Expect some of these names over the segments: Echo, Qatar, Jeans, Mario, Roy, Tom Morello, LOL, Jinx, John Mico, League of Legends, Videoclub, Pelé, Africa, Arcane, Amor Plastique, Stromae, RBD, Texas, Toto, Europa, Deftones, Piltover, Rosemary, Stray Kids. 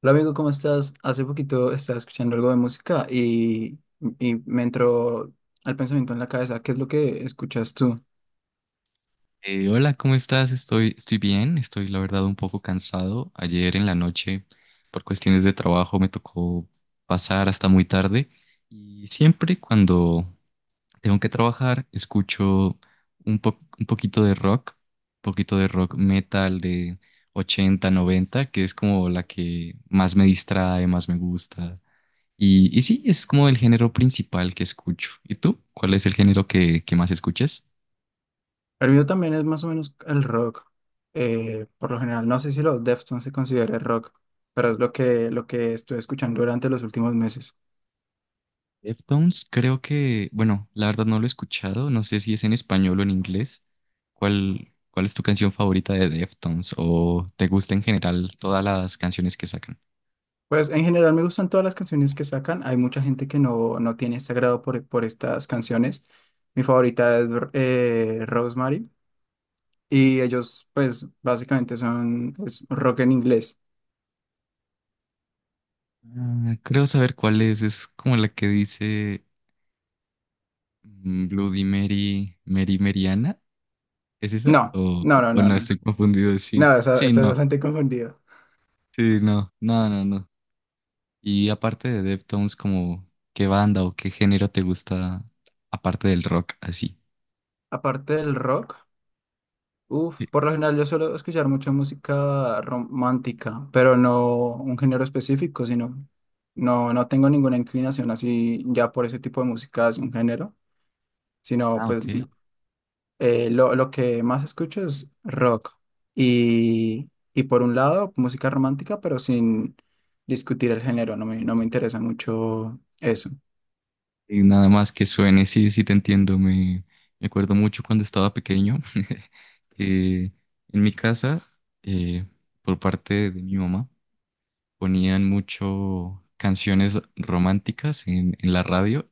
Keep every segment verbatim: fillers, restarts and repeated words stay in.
Hola amigo, ¿cómo estás? Hace poquito estaba escuchando algo de música y, y me entró al pensamiento en la cabeza, ¿qué es lo que escuchas tú? Eh, hola, ¿cómo estás? Estoy, estoy bien, estoy la verdad un poco cansado. Ayer en la noche, por cuestiones de trabajo, me tocó pasar hasta muy tarde y siempre cuando tengo que trabajar escucho un, po- un poquito de rock, un poquito de rock metal de ochenta, noventa, que es como la que más me distrae, más me gusta. Y, y sí, es como el género principal que escucho. ¿Y tú? ¿Cuál es el género que, que más escuchas? El mío también es más o menos el rock. Eh, por lo general, no sé si los Deftones se considera rock, pero es lo que, lo que estuve escuchando durante los últimos meses. Deftones, creo que, bueno, la verdad no lo he escuchado, no sé si es en español o en inglés. ¿Cuál, cuál es tu canción favorita de Deftones o te gusta en general todas las canciones que sacan? Pues en general me gustan todas las canciones que sacan. Hay mucha gente que no, no tiene ese agrado por, por estas canciones. Mi favorita es eh, Rosemary, y ellos pues básicamente son es rock en inglés. Ah, creo saber cuál es, es como la que dice mm, Bloody Mary, Mary Meriana, ¿es esa? No, O, no, no, o no, no, no. estoy confundido, sí, No, está- sí, estás no, bastante confundido. sí, no, no, no, no. Y aparte de Deftones, como, ¿qué banda o qué género te gusta aparte del rock así? Aparte del rock, uff, Sí. por lo general yo suelo escuchar mucha música romántica, pero no un género específico, sino no, no tengo ninguna inclinación así ya por ese tipo de música es un género, sino Ah, pues ok. eh, lo, lo que más escucho es rock. Y, y por un lado, música romántica, pero sin discutir el género, no me, no me interesa mucho eso. Y nada más que suene, sí, sí te entiendo. Me, me acuerdo mucho cuando estaba pequeño, que en mi casa, eh, por parte de mi mamá, ponían mucho canciones románticas en, en la radio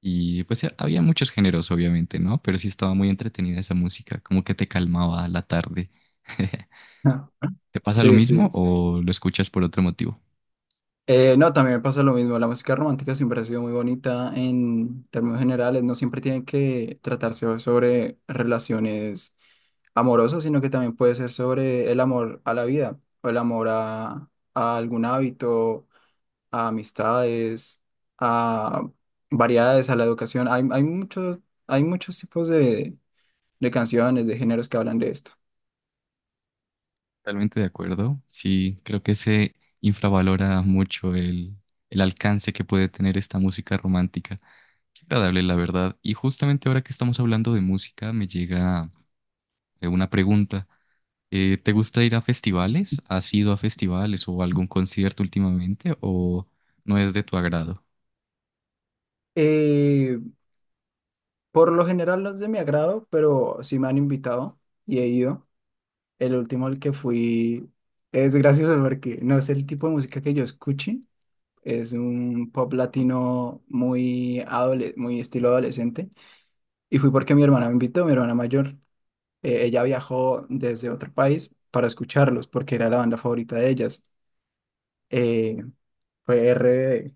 y pues eh, había muchos géneros, obviamente, ¿no? Pero sí estaba muy entretenida esa música, como que te calmaba la tarde. ¿Te pasa lo Sí, mismo sí. o lo escuchas por otro motivo? Eh, no, también me pasa lo mismo. La música romántica siempre ha sido muy bonita en términos generales. No siempre tiene que tratarse sobre relaciones amorosas, sino que también puede ser sobre el amor a la vida o el amor a, a algún hábito, a amistades, a variedades, a la educación. Hay, hay muchos, hay muchos tipos de, de canciones, de géneros que hablan de esto. Totalmente de acuerdo. Sí, creo que se infravalora mucho el, el alcance que puede tener esta música romántica. Qué agradable, la verdad. Y justamente ahora que estamos hablando de música, me llega eh, una pregunta. Eh, ¿te gusta ir a festivales? ¿Has ido a festivales o algún concierto últimamente o no es de tu agrado? Eh, por lo general no es de mi agrado, pero sí me han invitado y he ido. El último al que fui es gracioso porque no es el tipo de música que yo escuché. Es un pop latino muy, adole- muy estilo adolescente. Y fui porque mi hermana me invitó, mi hermana mayor. Eh, ella viajó desde otro país para escucharlos porque era la banda favorita de ellas. Eh, Fue R B D.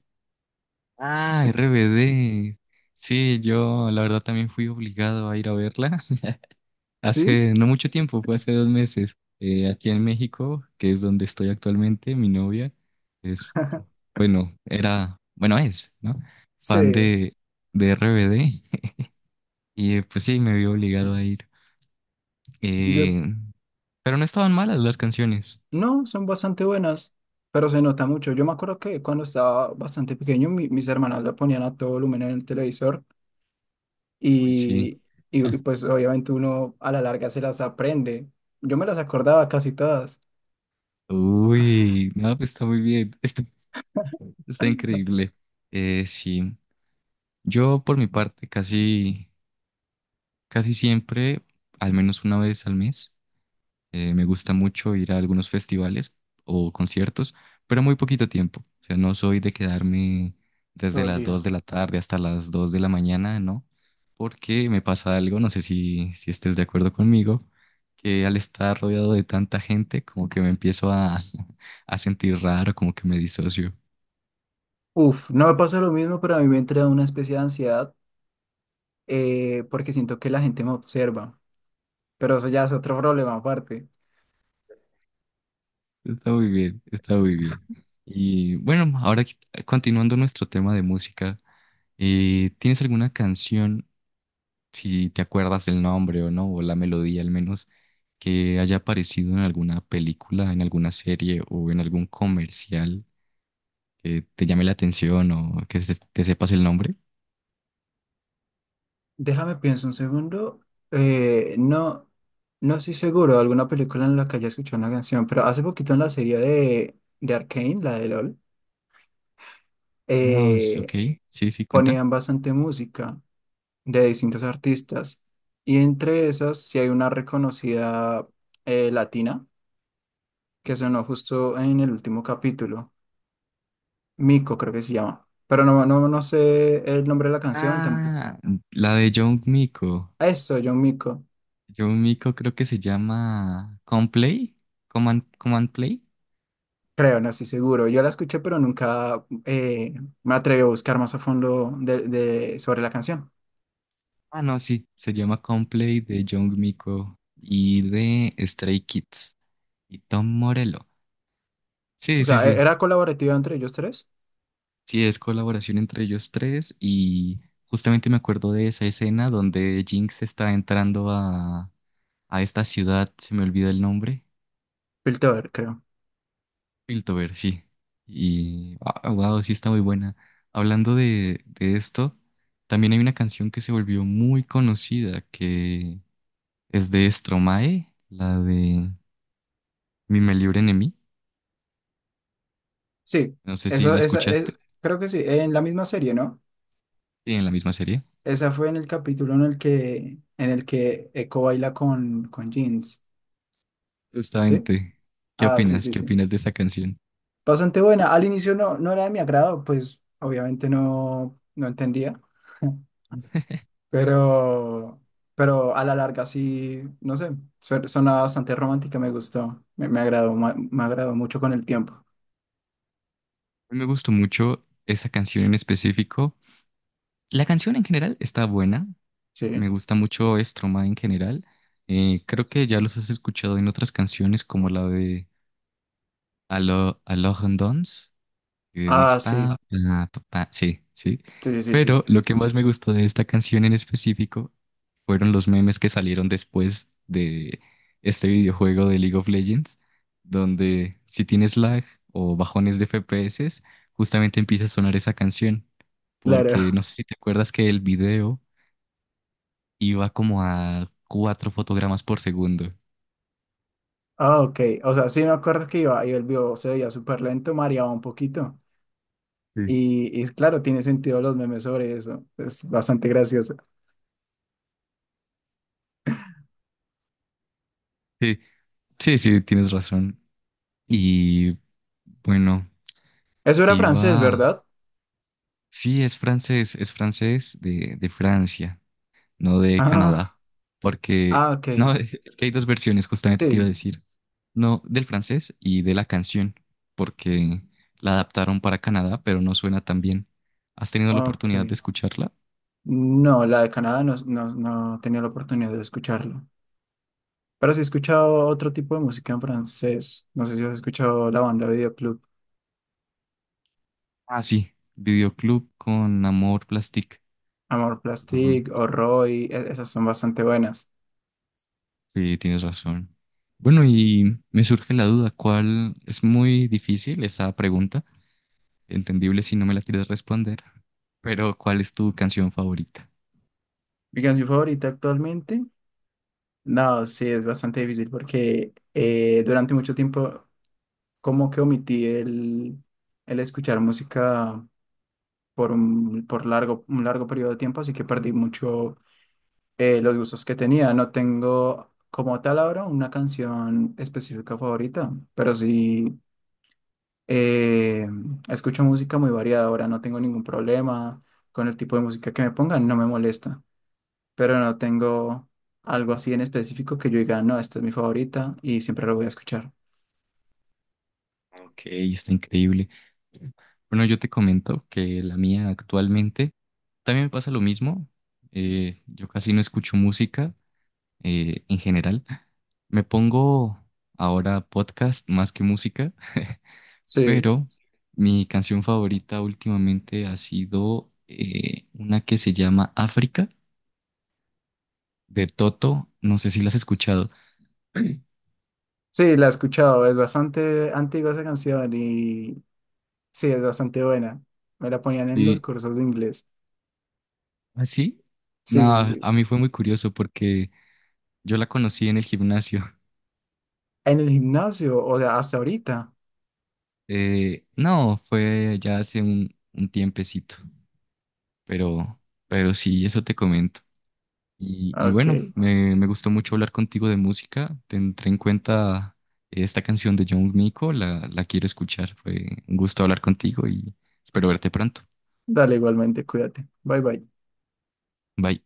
Ah, R B D. Sí, yo la verdad también fui obligado a ir a verla. Sí, Hace no mucho tiempo, fue hace dos meses, eh, aquí en México, que es donde estoy actualmente, mi novia es, bueno, era, bueno, es, ¿no? Fan sí. de, de R B D y eh, pues sí, me vio obligado a ir. Yo Eh, pero no estaban malas las canciones. no, son bastante buenas, pero se nota mucho. Yo me acuerdo que cuando estaba bastante pequeño, mi- mis hermanas lo ponían a todo volumen en el televisor Uy, sí. y, y, y pues obviamente uno a la larga se las aprende. Yo me las acordaba casi todas. Uy, no, pues está muy bien, está, está increíble. Eh, sí, yo por mi parte casi, casi siempre, al menos una vez al mes. Eh, me gusta mucho ir a algunos festivales o conciertos, pero muy poquito tiempo. O sea, no soy de quedarme desde las Dolió. dos de la tarde hasta las dos de la mañana, ¿no? Porque me pasa algo, no sé si, si estés de acuerdo conmigo, que al estar rodeado de tanta gente, como que me empiezo a, a sentir raro, como que me disocio. Uf, no me pasa lo mismo, pero a mí me entra una especie de ansiedad eh, porque siento que la gente me observa, pero eso ya es otro problema aparte. Está muy bien, está muy bien. Y bueno, ahora qui- continuando nuestro tema de música, eh, ¿tienes alguna canción? Si te acuerdas del nombre o no, o la melodía al menos, que haya aparecido en alguna película, en alguna serie o en algún comercial que te llame la atención o que se- te sepas el nombre. Déjame pienso un segundo. Eh, no, no estoy seguro de alguna película en la que haya escuchado una canción, pero hace poquito en la serie de, de Arcane, la de LOL, Ah, s- ok, eh, sí, sí, cuenta. ponían bastante música de distintos artistas. Y entre esas, sí hay una reconocida eh, latina que sonó justo en el último capítulo. Mico, creo que se llama. Pero no, no, no sé el nombre de la canción tampoco. Ah, la de John Mico. Eso, John Mico. John Mico creo que se llama Complay. Command, Command Play. Creo, no estoy seguro. Yo la escuché, pero nunca eh, me atreví a buscar más a fondo de, de- sobre la canción. Ah, no, sí, se llama Complay de John Mico y de Stray Kids y Tom Morello. O Sí, sí, sea, e- sí. era colaborativa entre ellos tres. Sí, es colaboración entre ellos tres y justamente me acuerdo de esa escena donde Jinx está entrando a, a esta ciudad, se me olvida el nombre, Piltover, creo. Piltover, sí. Y wow, sí está muy buena. Hablando de, de esto, también hay una canción que se volvió muy conocida que es de Stromae, la de Mi me libren en mí. Sí, No sé si la esa, esa es, escuchaste, creo que sí, en la misma serie, ¿no? sí, en la misma serie. Esa fue en el capítulo en el que, en el que Echo baila con, con Jeans, ¿sí? Justamente, ¿qué Ah, sí, opinas? sí, ¿Qué sí. opinas de esa canción? Bastante buena. Al inicio no, no era de mi agrado, pues obviamente no, no entendía. Pero, pero a la larga sí, no sé, su- suena bastante romántica, me gustó, me, me agradó, ma- me, agradó mucho con el tiempo. A mí me gustó mucho esa canción en específico. La canción en general está buena. Me Sí. gusta mucho Stromae en general. Eh, creo que ya los has escuchado en otras canciones como la de Alo, Alone Dance que dice Ah, sí, pa, pa, pa, pa, sí, sí. sí, sí, sí, sí, Pero lo que más me gustó de esta canción en específico fueron los memes que salieron después de este videojuego de League of Legends, donde si tienes lag o bajones de F P S, justamente empieza a sonar esa canción. claro. Porque no sé si te acuerdas que el video iba como a cuatro fotogramas por segundo. Ah, ok, o sea, sí me acuerdo que iba y el video se veía súper lento, mareaba un poquito. Sí. Y, y claro, tiene sentido los memes sobre eso, es bastante gracioso. Sí, sí, sí, tienes razón. Y bueno, Eso te era francés, iba. ¿verdad? Sí, es francés, es francés de, de Francia, no de Canadá, Ah, porque, ah, ok, no, es que hay dos versiones, justamente te iba a sí, decir, no, del francés y de la canción, porque la adaptaron para Canadá, pero no suena tan bien. ¿Has tenido la ok. oportunidad de escucharla? No, la de Canadá no, no, no tenía la oportunidad de escucharlo. Pero sí he escuchado otro tipo de música en francés. No sé si has escuchado la banda Videoclub, Ah, sí, Videoclub con Amor Plastic. Amor Ah, Plastique o Roy. e- Esas son bastante buenas. sí, tienes razón. Bueno, y me surge la duda, ¿cuál es muy difícil esa pregunta? Entendible si no me la quieres responder. Pero, ¿cuál es tu canción favorita? Mi canción favorita actualmente, no, sí, es bastante difícil porque eh, durante mucho tiempo como que omití el, el escuchar música por un, por largo, un largo periodo de tiempo, así que perdí mucho eh, los gustos que tenía. No tengo como tal ahora una canción específica favorita, pero sí. Eh, Escucho música muy variada ahora, no tengo ningún problema con el tipo de música que me pongan, no me molesta, pero no tengo algo así en específico que yo diga, no, esta es mi favorita y siempre la voy a escuchar. Ok, está increíble. Bueno, yo te comento que la mía actualmente también me pasa lo mismo. Eh, yo casi no escucho música eh, en general. Me pongo ahora podcast más que música, Sí, pero mi canción favorita últimamente ha sido eh, una que se llama África de Toto. No sé si la has escuchado. sí, la he escuchado, es bastante antigua esa canción y sí, es bastante buena. Me la ponían en los Sí, cursos de inglés. ¿así? Sí, sí, No, sí. a mí fue muy curioso porque yo la conocí en el gimnasio. En el gimnasio, o sea, hasta ahorita. Eh, no, fue ya hace un, un tiempecito, pero, pero sí, eso te comento. Y, y Ok, bueno, me, me gustó mucho hablar contigo de música. Tendré en cuenta esta canción de John Mico, la, la quiero escuchar. Fue un gusto hablar contigo y espero verte pronto. dale igualmente, cuídate. Bye, bye. Bye.